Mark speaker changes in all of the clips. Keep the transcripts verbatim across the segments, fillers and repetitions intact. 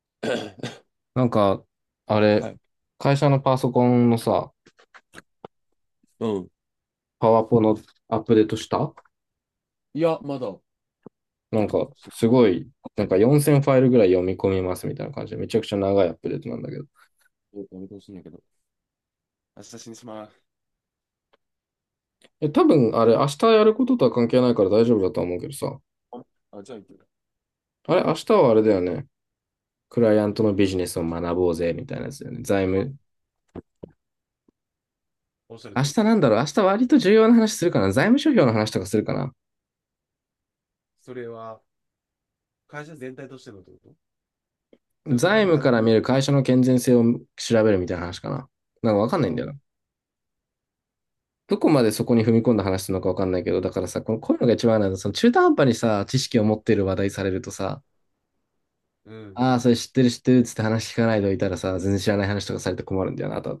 Speaker 1: なんか、あれ、
Speaker 2: はい。
Speaker 1: 会社のパソコンのさ、
Speaker 2: うん。
Speaker 1: パワポのアップデートした。
Speaker 2: いや、まだ、多
Speaker 1: なん
Speaker 2: 分、
Speaker 1: か、
Speaker 2: し
Speaker 1: すごい、なんかよんせんファイルぐらい読み込みますみたいな感じで、めちゃくちゃ長いアップデートなんだけど。
Speaker 2: やめてほしいんだけど。明日死にします。
Speaker 1: え、多分、あれ、明日やることとは関係ないから大丈夫だとは思うけどさ、
Speaker 2: あ、じゃあ行く。
Speaker 1: あれ、明日はあれだよね。クライアントのビジネスを学ぼうぜ、みたいなやつだよね。財
Speaker 2: あ、
Speaker 1: 務。
Speaker 2: おっしゃる
Speaker 1: 明
Speaker 2: と思う。
Speaker 1: 日、なんだろう、明日割と重要な話するかな。財務諸表の話とかするかな。
Speaker 2: それは、会社全体としてのってこと？それともな
Speaker 1: 財
Speaker 2: んか
Speaker 1: 務
Speaker 2: 単、
Speaker 1: から見る会社の健全性を調べるみたいな話かな。なんかわかんないんだ
Speaker 2: あ、
Speaker 1: よな。どこまでそこに踏み込んだ話なのかわかんないけど、だからさ、このこういうのが一番あるのは、その中途半端にさ、知識を持ってる話題されるとさ、
Speaker 2: うん、
Speaker 1: ああ、それ知ってる知ってるっつって話聞かないといたらさ、全然知らない話とかされて困るんだよな、あとあ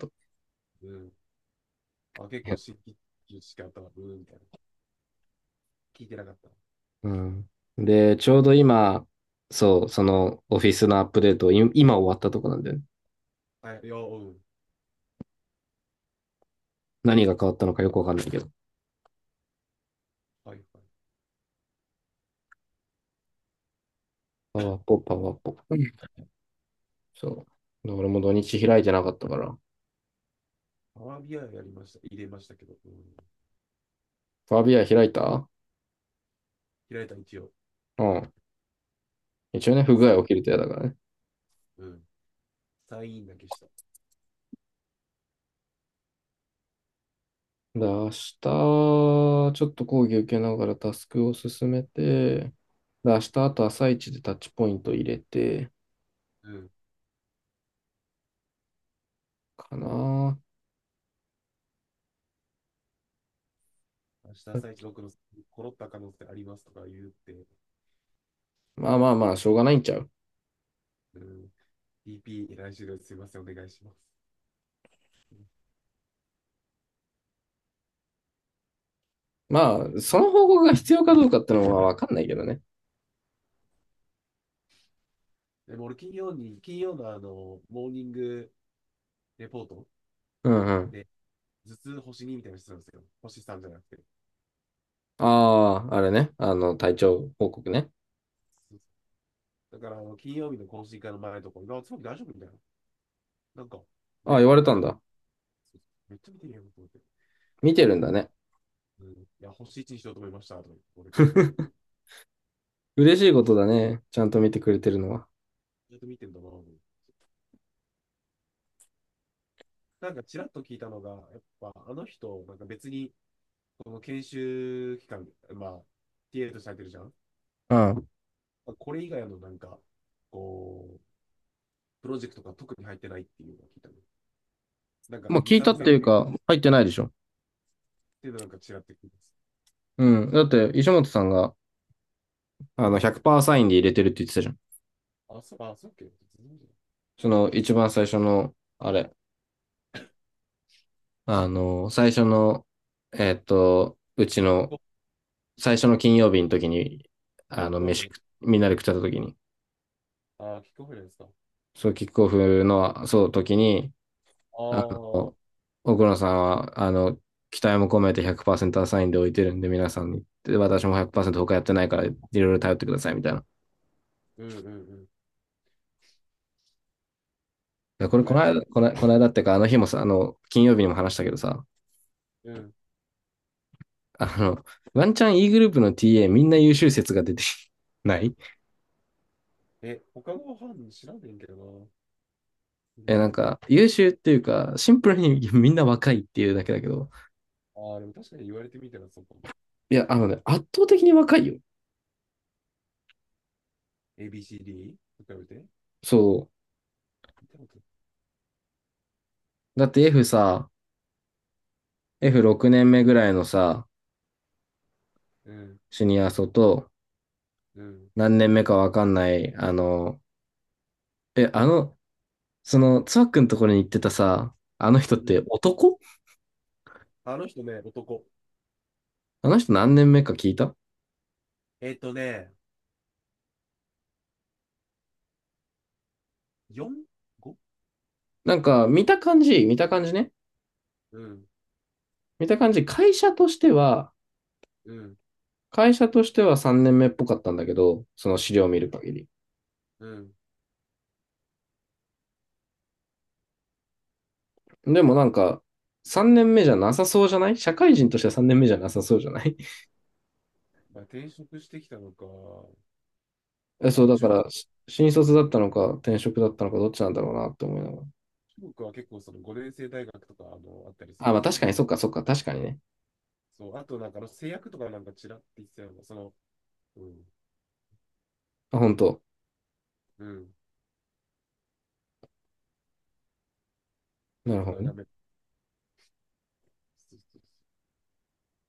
Speaker 2: うん。あ、結
Speaker 1: と。
Speaker 2: 構新規知識あったわ。うん、みたいな。聞いてなかった。
Speaker 1: うん。で、ちょうど今、そう、そのオフィスのアップデートい今終わったとこなんだよね。
Speaker 2: はい、いや、うん。
Speaker 1: 何が変わったのかよくわかんないけど。
Speaker 2: はい、はい。
Speaker 1: パワポ、パワポ。うん。そう。俺も土日開いてなかったから。
Speaker 2: パワービアやりました。入れましたけど。うん。
Speaker 1: ファビア開いた。
Speaker 2: 開いた一応。
Speaker 1: うん。一応ね、不具
Speaker 2: サ
Speaker 1: 合起きると嫌だからね。
Speaker 2: イン、うん。サインだけした。
Speaker 1: で、明日、ちょっと講義受けながらタスクを進めて、で、明日、あと朝一でタッチポイント入れて、
Speaker 2: うん。
Speaker 1: かな。
Speaker 2: 明日朝一僕のコロッた可能性ありますとか言って、
Speaker 1: まあまあまあ、しょうがないんちゃう。
Speaker 2: うん。 ディーピー、来週ですいません、お願いします。うん。
Speaker 1: まあ、その報告が必要かどうかってのはわかんないけどね。
Speaker 2: でも俺、金曜に、金曜のあの、モーニングレポート
Speaker 1: うんうん。
Speaker 2: で、頭痛星にみたいなのしてたんですよ。星さんじゃなくて。
Speaker 1: ああ、あれね。あの、体調報告ね。
Speaker 2: そうそうだから、あの金曜日の懇親会の前とか、あ、つまり大丈夫みたいな。なんか、
Speaker 1: ああ、言
Speaker 2: ね、
Speaker 1: われ
Speaker 2: あ
Speaker 1: た
Speaker 2: れ
Speaker 1: ん
Speaker 2: だ、
Speaker 1: だ。
Speaker 2: そう、めっちゃ見てるよと思って。
Speaker 1: 見
Speaker 2: そう、
Speaker 1: てるんだね。
Speaker 2: うん、いや、星いちにしようと思いました、とか言って俺適当に言って。
Speaker 1: 嬉しいことだね。ちゃんと見てくれてるのは。
Speaker 2: ずっと見てんだなと思って、なんか、ちらっと聞いたのが、やっぱ、あの人、なんか別に、この研修期間、まあ、ティーエー とされてるじゃん。
Speaker 1: うん。
Speaker 2: まあこれ以外のなんか、こう、プロジェクトが特に入ってないっていうのが聞いたの。なんか、
Speaker 1: まあ、
Speaker 2: に、
Speaker 1: 聞いた
Speaker 2: 3
Speaker 1: っ
Speaker 2: 個減
Speaker 1: て
Speaker 2: っ
Speaker 1: いうか、入ってないでしょ。
Speaker 2: てるのなんか違ってくるんです。
Speaker 1: うん。だって、石本さんが、あの、ひゃくパーセントサインで入れてるって言ってたじゃん。
Speaker 2: あ、そう、あ、そうっけ？全然じゃない。
Speaker 1: その一番最初の、あれ、あの、最初の、えっと、うち
Speaker 2: キ
Speaker 1: の
Speaker 2: ッ
Speaker 1: 最初の金曜日の時に、あの、
Speaker 2: クオ
Speaker 1: 飯
Speaker 2: フね。
Speaker 1: 食、みんなで食ってた時に、
Speaker 2: ああ、キックオフですか。ああ、
Speaker 1: そう、キックオフの、そう、時に、
Speaker 2: う
Speaker 1: あ
Speaker 2: ん
Speaker 1: の、奥野さんは、あの、期待も込めてひゃくパーセントアサインで置いてるんで、皆さんに、で私もひゃくパーセント他やってないから、いろいろ頼ってください、みたいな。
Speaker 2: うんうん。
Speaker 1: いや
Speaker 2: い
Speaker 1: こ
Speaker 2: っ
Speaker 1: れ、こ
Speaker 2: ぱい
Speaker 1: の
Speaker 2: 頼り。
Speaker 1: 間、この、この間ってか、あの日もさ、あの、金曜日にも話したけどさ、
Speaker 2: うん。
Speaker 1: あの、ワンチャン E グループの ティーエー みんな優秀説が出て ない。
Speaker 2: え、他の班知らんねんけどな。グ
Speaker 1: え、
Speaker 2: ル
Speaker 1: なん
Speaker 2: ープ。
Speaker 1: か、優秀っていうか、シンプルにみんな若いっていうだけだけど。
Speaker 2: ああ、でも確かに言われてみたらそうかも。
Speaker 1: いや、あのね、圧倒的に若いよ。
Speaker 2: エービーシーディー？ と比べて。
Speaker 1: そ
Speaker 2: 見たこと
Speaker 1: う。だって F さ、エフろく 年目ぐらいのさ、
Speaker 2: ない。うん、
Speaker 1: シニア層と、
Speaker 2: うん。
Speaker 1: 何年目かわかんない、あの、え、あの、その、つわくんところに行ってたさ、あの人っ
Speaker 2: う
Speaker 1: て
Speaker 2: ん。
Speaker 1: 男。
Speaker 2: あの人ね、男。
Speaker 1: あの人何年目か聞いた。
Speaker 2: えっとね、よん?ご?
Speaker 1: なんか、見た感じ、見た感じね。
Speaker 2: うん、
Speaker 1: 見た感じ、会社としては、
Speaker 2: うん、
Speaker 1: 会社としてはさんねんめっぽかったんだけど、その資料を
Speaker 2: う
Speaker 1: 見
Speaker 2: ん、
Speaker 1: る限り。
Speaker 2: うん。
Speaker 1: でもなんか、さんねんめじゃなさそうじゃない。社会人としてはさんねんめじゃなさそうじゃない。
Speaker 2: まあ、転職してきたのか、
Speaker 1: え
Speaker 2: あ
Speaker 1: そう、
Speaker 2: と
Speaker 1: だか
Speaker 2: 中国、
Speaker 1: ら、し新卒だったのか、転職だったのか、どっちなんだろうなって思いながら。
Speaker 2: 中国は結構そのごねんせいだいがくとかあのあったりす
Speaker 1: あ、
Speaker 2: る
Speaker 1: ま
Speaker 2: ん
Speaker 1: あ
Speaker 2: で、
Speaker 1: 確かに、そっかそっか、確かにね。
Speaker 2: そう、あとなんかあの製薬とかなんかちらって言ってたような、その、うん、
Speaker 1: あ、本当。
Speaker 2: うん、ちょ
Speaker 1: な
Speaker 2: っ
Speaker 1: る
Speaker 2: と
Speaker 1: ほど
Speaker 2: 長
Speaker 1: ね。
Speaker 2: め。そうそう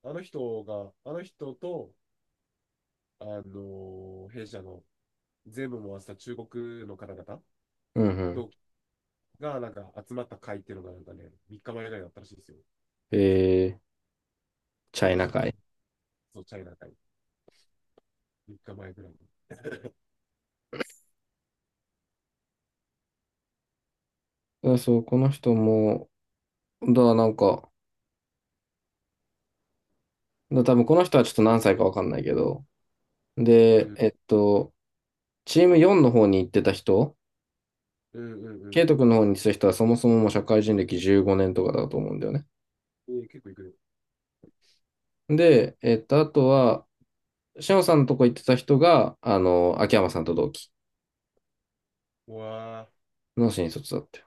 Speaker 2: そう、あの人が、あの人と、あのー弊社の全部回した中国の方々、
Speaker 1: うんうん。
Speaker 2: 同期がなんか集まった会っていうのがなんかね、みっかまえぐらいだったらしいですよ。
Speaker 1: えー、チャイナ
Speaker 2: 中国、
Speaker 1: 会。
Speaker 2: そう、チャイナ会、みっかまえぐらいに。
Speaker 1: あそう、この人も、だ、なんか、だ、多分この人はちょっと何歳かわかんないけど、
Speaker 2: う
Speaker 1: で、
Speaker 2: ん、
Speaker 1: えっと、チームよんの方に行ってた人、
Speaker 2: うん、うん、う
Speaker 1: ケイ
Speaker 2: ん。
Speaker 1: ト君の方に行ってた人はそもそももう社会人歴じゅうごねんとかだと思うんだよね。
Speaker 2: えー結構行くね。
Speaker 1: で、えっと、あとは、シャオさんのとこ行ってた人が、あの、秋山さんと同期
Speaker 2: うわ
Speaker 1: の新卒だったよ。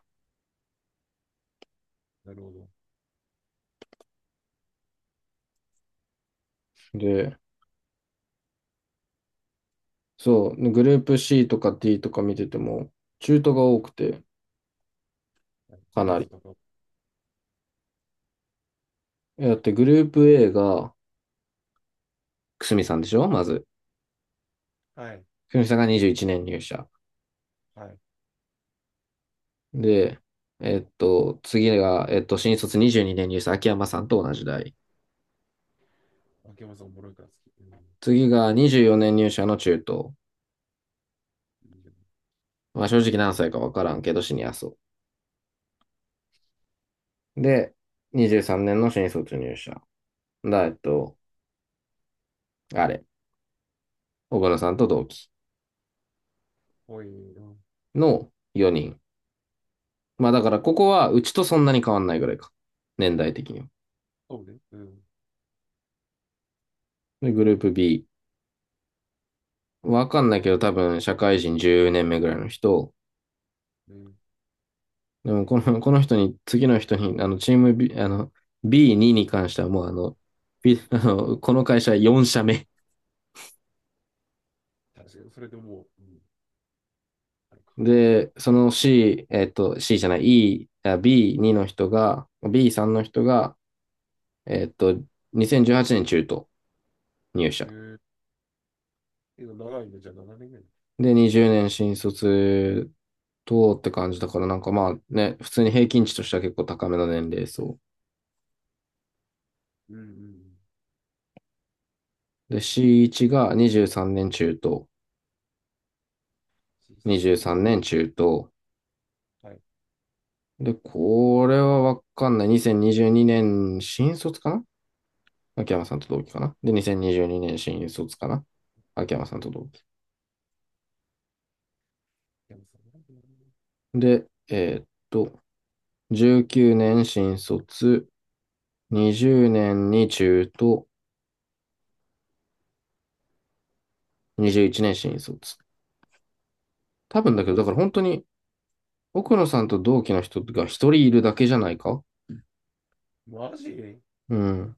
Speaker 2: ー、なるほど。
Speaker 1: で、そう、グループ C とか D とか見てても、中途が多くて、
Speaker 2: はい、ネ
Speaker 1: か
Speaker 2: ベ
Speaker 1: なり。
Speaker 2: ソとか、
Speaker 1: だってグループ A が、くすみさんでしょまず。
Speaker 2: はい、
Speaker 1: くすみさんがにじゅういちねん入社。
Speaker 2: はい。
Speaker 1: で、えっと、次が、えっと、新卒にじゅうにねん入社、秋山さんと同じ代。
Speaker 2: 秋山さんおもろいから好き。うん。
Speaker 1: 次がにじゅうよねん入社の中東。
Speaker 2: いいよね。
Speaker 1: まあ
Speaker 2: ほ
Speaker 1: 正
Speaker 2: い、
Speaker 1: 直何歳かわからんけど、シニア層。で、にじゅうさんねんの新卒入社。だ、えっと、あれ。小原さんと同期
Speaker 2: ほい、うん、
Speaker 1: のよにん。まあだからここはうちとそんなに変わんないぐらいか。年代的には。
Speaker 2: そうね。うん。
Speaker 1: で、グループ B。わかんないけど多分社会人じゅうねんめぐらいの人。
Speaker 2: ね、
Speaker 1: でもこの、この人に、次の人に、あの、チーム B、あの、ビーツー に関してはもうあの、B あのこの会社よん社目。
Speaker 2: 確かに、それでもう、うん、あるか。
Speaker 1: で、その C、えっと、C じゃない、E、あ ビーツー の人が、ビースリー の人が、えっと、にせんじゅうはちねん中途入社。
Speaker 2: へええ長いね、じゃあななねんぐらい。
Speaker 1: で、にじゅうねん新卒とって感じだから、なんかまあね、普通に平均値としては結構高めの年齢層。
Speaker 2: うんうんうん。
Speaker 1: で、シーワン がにじゅうさんねん中と、
Speaker 2: なな、が
Speaker 1: 23
Speaker 2: にじゅう。
Speaker 1: 年中と、
Speaker 2: はい。
Speaker 1: で、これはわかんない。にせんにじゅうにねん新卒かな。秋山さんと同期かな。で、にせんにじゅうにねん新卒かな、秋山さんと同期。
Speaker 2: でもさ、なんでやるの？
Speaker 1: で、えーっと、じゅうくねん新卒、にじゅうねんに中と、にじゅういちねん新卒。多分だ
Speaker 2: こ
Speaker 1: けど、だから本当に奥野さんと同期の人が一人いるだけじゃないか。
Speaker 2: う、マジ？
Speaker 1: うん。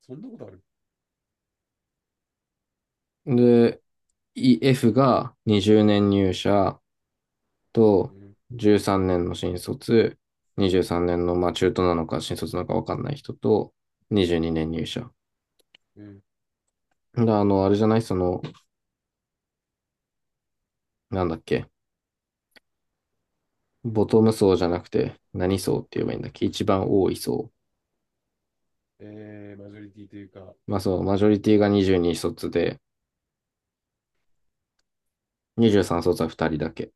Speaker 2: そんなことある？
Speaker 1: で、E- F がにじゅうねん入社
Speaker 2: う
Speaker 1: と
Speaker 2: ん。
Speaker 1: じゅうさんねんの新卒、にじゅうさんねんの、まあ中途なのか新卒なのかわかんない人と、にじゅうにねん入社。
Speaker 2: うん。
Speaker 1: で、あの、あれじゃないその、なんだっけ、ボトム層じゃなくて、何層って言えばいいんだっけ。一番多い層。
Speaker 2: えー、マジョリティというか、
Speaker 1: まあそう、マジョリティがにじゅうに卒で、にじゅうさん卒はふたりだけ。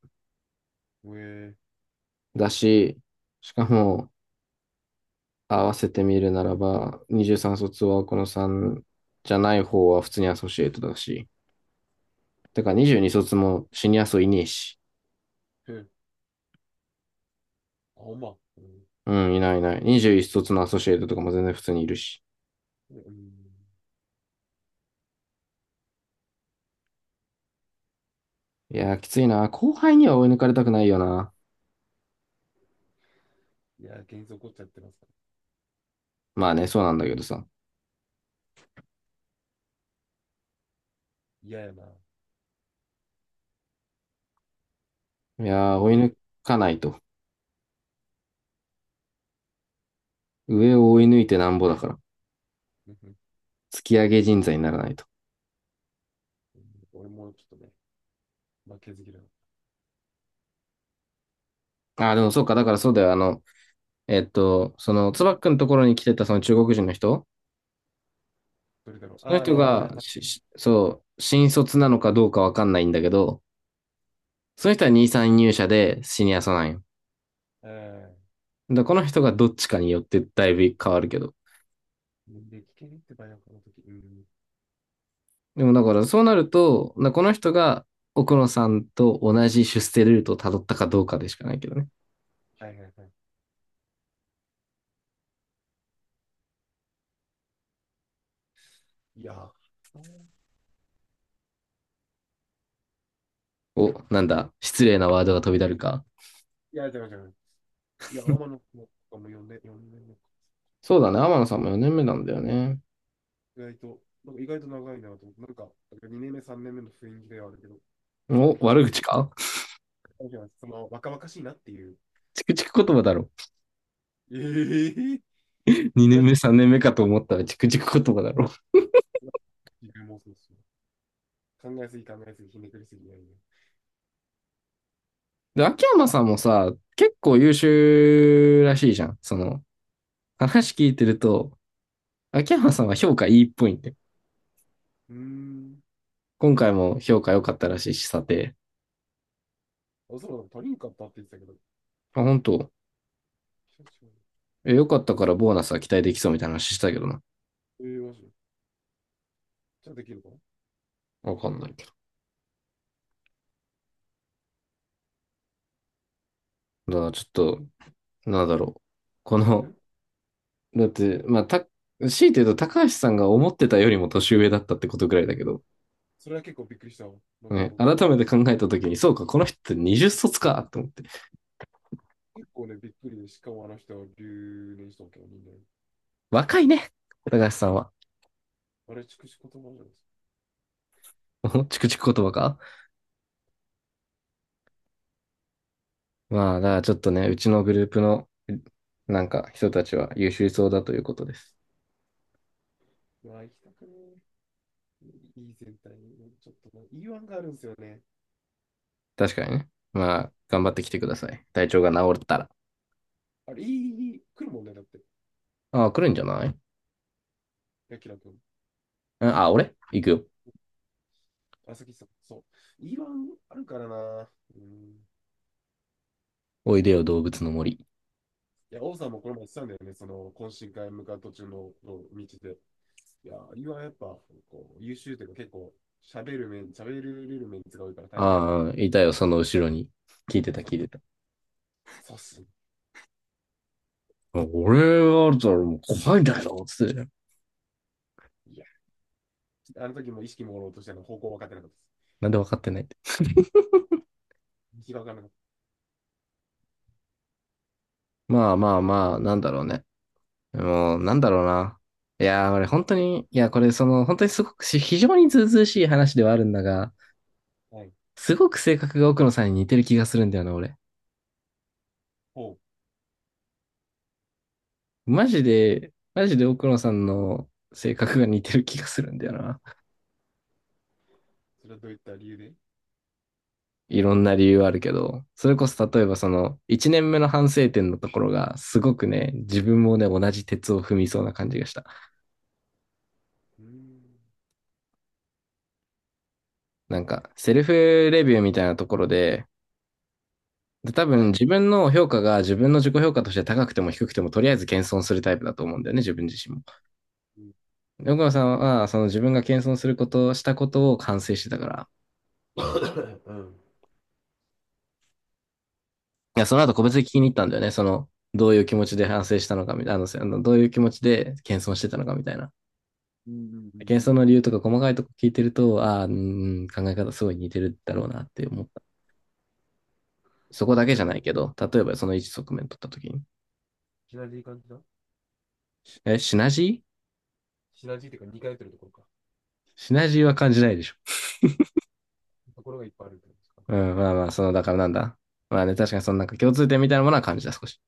Speaker 2: えー、
Speaker 1: だし、しかも、合わせてみるならば、にじゅうさん卒はこのさんじゃない方は普通にアソシエイトだし、だからにじゅうに卒もシニア層いねえし、
Speaker 2: うん、あ、ほんま。うん。
Speaker 1: うん、いないいない。にじゅういち卒のアソシエイトとかも全然普通にいるし。
Speaker 2: うん。
Speaker 1: いやー、きついな。後輩には追い抜かれたくないよな。
Speaker 2: いや、幻想起こっちゃってますか
Speaker 1: まあね、そうなんだけどさ。
Speaker 2: ら。嫌やな。
Speaker 1: い
Speaker 2: も、
Speaker 1: やー、
Speaker 2: もっ
Speaker 1: 追い
Speaker 2: て。
Speaker 1: 抜かないと。上を追い抜いてなんぼだから。
Speaker 2: う
Speaker 1: 突き上げ人材にならないと。
Speaker 2: 俺もちょっとね、負けず嫌い。
Speaker 1: あー、でもそうか、だからそうだよ。あの、えっと、その、つば
Speaker 2: ん、
Speaker 1: っくんのところに来てたその中国人の人。
Speaker 2: どれだろう。
Speaker 1: その
Speaker 2: あ
Speaker 1: 人
Speaker 2: の、原
Speaker 1: が、
Speaker 2: さん。
Speaker 1: ししそう、新卒なのかどうかわかんないんだけど、その人はに、さん入社でシニアさなんよ。
Speaker 2: ええ。
Speaker 1: だこの人がどっちかによってだいぶ変わるけど。
Speaker 2: 年齢聞けねってばよ、この時。うん。
Speaker 1: でもだからそうなると、だこの人が奥野さんと同じ出世ルートをたどったかどうかでしかないけどね。
Speaker 2: はいはいはい。いやー、
Speaker 1: お、なんだ、失礼なワードが飛び出るか。
Speaker 2: いや、違う違う。いや、天野君とかも呼んで年目か。
Speaker 1: そうだね、天野さんもよねんめなんだよね。
Speaker 2: 意外と、なんか意外と長いなと思って、なんか、にねんめ、さんねんめの雰囲気ではあるけど、
Speaker 1: お、
Speaker 2: 四
Speaker 1: 悪口か。
Speaker 2: 年目じゃない、その、若々しいなっていう。
Speaker 1: チクチク言葉だろ。
Speaker 2: ええー、そ
Speaker 1: 2
Speaker 2: れ
Speaker 1: 年
Speaker 2: は、
Speaker 1: 目、さんねんめかと思ったらチクチク言葉だろ。
Speaker 2: 自分もそうですよ。考えすぎ考えすぎ、ひねくりすぎないね。
Speaker 1: で、秋山さんもさ、結構優秀らしいじゃん。その、話聞いてると、秋山さんは評価いいっぽいんで。
Speaker 2: うーん。
Speaker 1: 今回も評価良かったらしいし、査定。
Speaker 2: あ、そうだ、他人かったって言ってたけど、
Speaker 1: あ、本当。
Speaker 2: 久しぶ
Speaker 1: え、良かったからボーナスは期待できそうみたいな話したけどな。
Speaker 2: り。ええー、マジで。ちゃんとできるかな
Speaker 1: わかんないけど。だからちょっと、なんだろう。こ
Speaker 2: ん？
Speaker 1: の、だって、まあ、た、強いて言うと高橋さんが思ってたよりも年上だったってことぐらいだけど、
Speaker 2: それは結構びっくりしたわ。なんかあ
Speaker 1: ね、
Speaker 2: の、
Speaker 1: 改めて考えたときに、そうか、この人ってにじゅっ卒かと思って。
Speaker 2: 結構ね、びっくりで、しかもあの人は留年したわけよ、人間。
Speaker 1: 若いね、高橋さんは。
Speaker 2: あれ、筑紫言葉じゃないですか。
Speaker 1: チクチク言葉か。まあ、だからちょっとね、うちのグループの、なんか、人たちは優秀そうだということです。
Speaker 2: うわ、行きたくねえ。いい全体に、ちょっとな、いいワンがあるんですよね。
Speaker 1: 確かにね。まあ、頑張ってきてください。体調が治ったら。
Speaker 2: あれ、いい、いい、来るもんね、だって。
Speaker 1: ああ、来るんじゃない。
Speaker 2: ヤキラ君。
Speaker 1: うん、あ、俺行くよ。
Speaker 2: あ、さきさん。そう。いいワンあるからな。うん。
Speaker 1: おいでよ、動物の森。
Speaker 2: いや、王さんもこの前言ってたんだよね、その、懇親会向かう途中の、の道で。いや、いはやっぱ、こう、優秀というか結構、喋る面、喋る面が多いから大変だよな。
Speaker 1: ああ、いたよ、その後ろに。聞いてた、
Speaker 2: そう、
Speaker 1: 聞いてた。
Speaker 2: そうっす。
Speaker 1: あ、俺はあるともう怖いんだけど、つってたよ。
Speaker 2: いや、あの時も意識もろうとしての方向分かってなかったです。
Speaker 1: なんで分かってないって。
Speaker 2: 道が分からなかっ
Speaker 1: まあまあまあ、なんだろうね。もう、なんだろうな。いやー、俺本当に、いや、これその、本当にすごくし非常にずうずうしい話ではあるんだが、
Speaker 2: た。はい。
Speaker 1: すごく性格が奥野さんに似てる気がするんだよな、俺。
Speaker 2: ほう。
Speaker 1: マジで、マジで奥野さんの性格が似てる気がするんだよな。
Speaker 2: それはどういった理由で。う
Speaker 1: いろんな理由あるけど、それこそ例えばその、いちねんめの反省点のところが、すごくね、自分もね、同じ鉄を踏みそうな感じがした。
Speaker 2: ーん。
Speaker 1: なんか、セルフレビューみたいなところで、で多
Speaker 2: は
Speaker 1: 分
Speaker 2: い。
Speaker 1: 自分の評価が自分の自己評価として高くても低くてもとりあえず謙遜するタイプだと思うんだよね、自分自身も。
Speaker 2: うん。
Speaker 1: 奥野さんはその自分が謙遜すること、したことを反省してたから、
Speaker 2: うん、
Speaker 1: いや、その後個別に聞
Speaker 2: あ、
Speaker 1: きに行ったんだよね。その、どういう気持ちで反省したのかみたいな、あののどういう気持ちで謙遜してたのかみたいな。
Speaker 2: うんうんうん。
Speaker 1: 謙遜の理由とか細かいとこ聞いてると、ああ、うーん、考え方すごい似てるだろうなって思った。そこだ
Speaker 2: シ
Speaker 1: け
Speaker 2: ナ
Speaker 1: じゃ
Speaker 2: ジー、
Speaker 1: ないけど、例えばその一側面取った時に。
Speaker 2: シナジー感じだ。
Speaker 1: え、シナジー、
Speaker 2: シナジーっていうかにかいってるところか。
Speaker 1: シナジーは感じないでしょ。
Speaker 2: ところがいっぱいあるってことですか、
Speaker 1: う
Speaker 2: あと
Speaker 1: ん、
Speaker 2: ね、
Speaker 1: まあまあ、その、だからなんだ。まあね、確かにそのなんか共通点みたいなものは感じた、少し。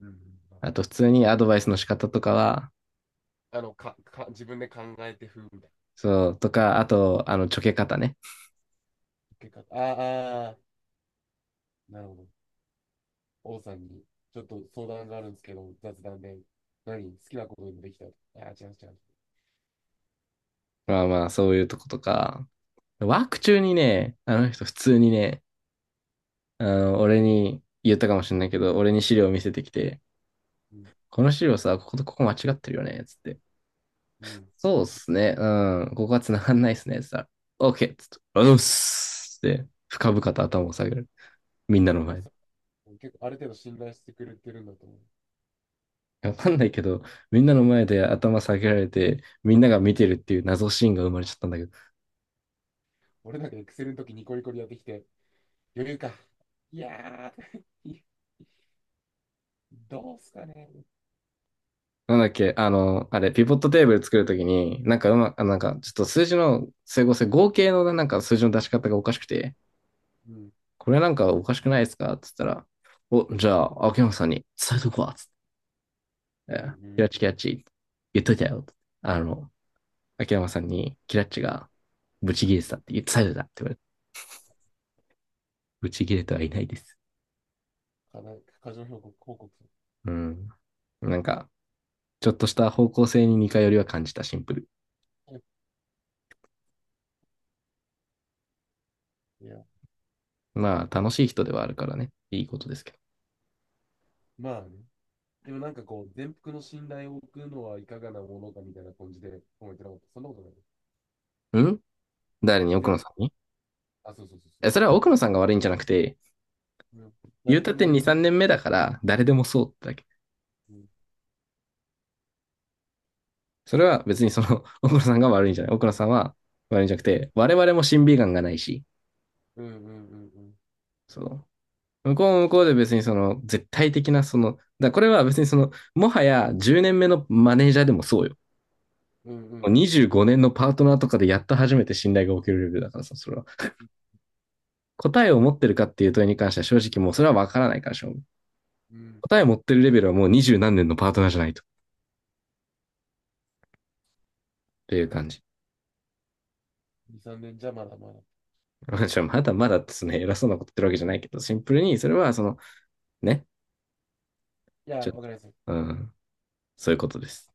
Speaker 2: うんうん、
Speaker 1: あと、普通にアドバイスの仕方とかは、
Speaker 2: あの、か、か、自分で考えて風みたいな
Speaker 1: そう、とか、あと、あの、ちょけ方ね。
Speaker 2: 結果、ああ、あー、なるほど。王さんに、ちょっと相談があるんですけど、雑談で、何、好きなことでもできた？ああー、違う違う。
Speaker 1: まあまあ、そういうとことか、ワーク中にね、あの人普通にね、あの、俺に言ったかもしれないけど、俺に資料を見せてきて、
Speaker 2: うん。
Speaker 1: この資料さ、こことここ間違ってるよね、つって。
Speaker 2: うん。
Speaker 1: そうっすね、うん、ここは繋がんないっすね、つったら、OK! つって、ありがとうございますって、深々と頭を下げる。みんなの前で。
Speaker 2: 結構ある程度信頼してくれてるんだと思う。
Speaker 1: わかんないけど、みんなの前で頭下げられて、みんなが見てるっていう謎シーンが生まれちゃったんだけど。
Speaker 2: 俺なんかエクセルの時ニコニコでやってきて、余裕か。いやー、どうすかね。
Speaker 1: なんだっけ、あの、あれ、ピボットテーブル作るときに、なんかうま、あなんか、ちょっと数字の整合性、合計のなんか数字の出し方がおかしくて、
Speaker 2: うん、
Speaker 1: これなんかおかしくないですかって言ったら、お、じゃあ、秋山さんに伝えとくわ。つっ
Speaker 2: うん、う
Speaker 1: て、キラ
Speaker 2: ん。
Speaker 1: ッチキラッチ言っといたよ。あの、秋山さんにキラッチがブチギレてたって言って伝えてたって言われて、ブチギレてはいないです。
Speaker 2: 課題、過剰報告、報告。
Speaker 1: うん。なんか、ちょっとした方向性に似通りは感じたシンプル。
Speaker 2: いや、
Speaker 1: まあ、楽しい人ではあるからね。いいことですけ
Speaker 2: まあね。でもなんかこう、全幅の信頼を置くのはいかがなものかみたいな感じで思ってなかった。そんなことない。
Speaker 1: ど。ん、誰に、奥
Speaker 2: 全
Speaker 1: 野
Speaker 2: 幅、
Speaker 1: さんに。
Speaker 2: あ、そうそうそうそう。
Speaker 1: え、それは
Speaker 2: なん
Speaker 1: 奥
Speaker 2: か、
Speaker 1: 野さんが悪いんじゃなくて、
Speaker 2: うん、
Speaker 1: 言う
Speaker 2: 誰
Speaker 1: た
Speaker 2: で
Speaker 1: って
Speaker 2: もっ
Speaker 1: に、
Speaker 2: て。
Speaker 1: さんねんめだから、誰でもそうってだけ。
Speaker 2: うん、
Speaker 1: それは別にその、奥野さんが悪いんじゃない。奥野さんは悪いんじゃなくて、我々も審美眼がないし、
Speaker 2: うん、うん、うん。
Speaker 1: その、向こうも向こうで別にその、絶対的なその、だこれは別にその、もはやじゅうねんめのマネージャーでもそうよ。
Speaker 2: うん、うん、う
Speaker 1: 25
Speaker 2: ん。
Speaker 1: 年のパートナーとかでやっと初めて信頼が起きるレベルだからさ、それは。答えを持ってるかっていう問いに関しては正直もうそれはわからないからしょう。
Speaker 2: うん、
Speaker 1: 答えを持ってるレベルはもうにじゅう何年のパートナーじゃないと。っていう感じ。
Speaker 2: に、さんねんじゃまだまだ。い
Speaker 1: 私はまだまだですね、偉そうなこと言ってるわけじゃないけど、シンプルにそれはその、ね、
Speaker 2: や、
Speaker 1: ちょっ
Speaker 2: わか
Speaker 1: と、
Speaker 2: ります。
Speaker 1: うん、そういうことです。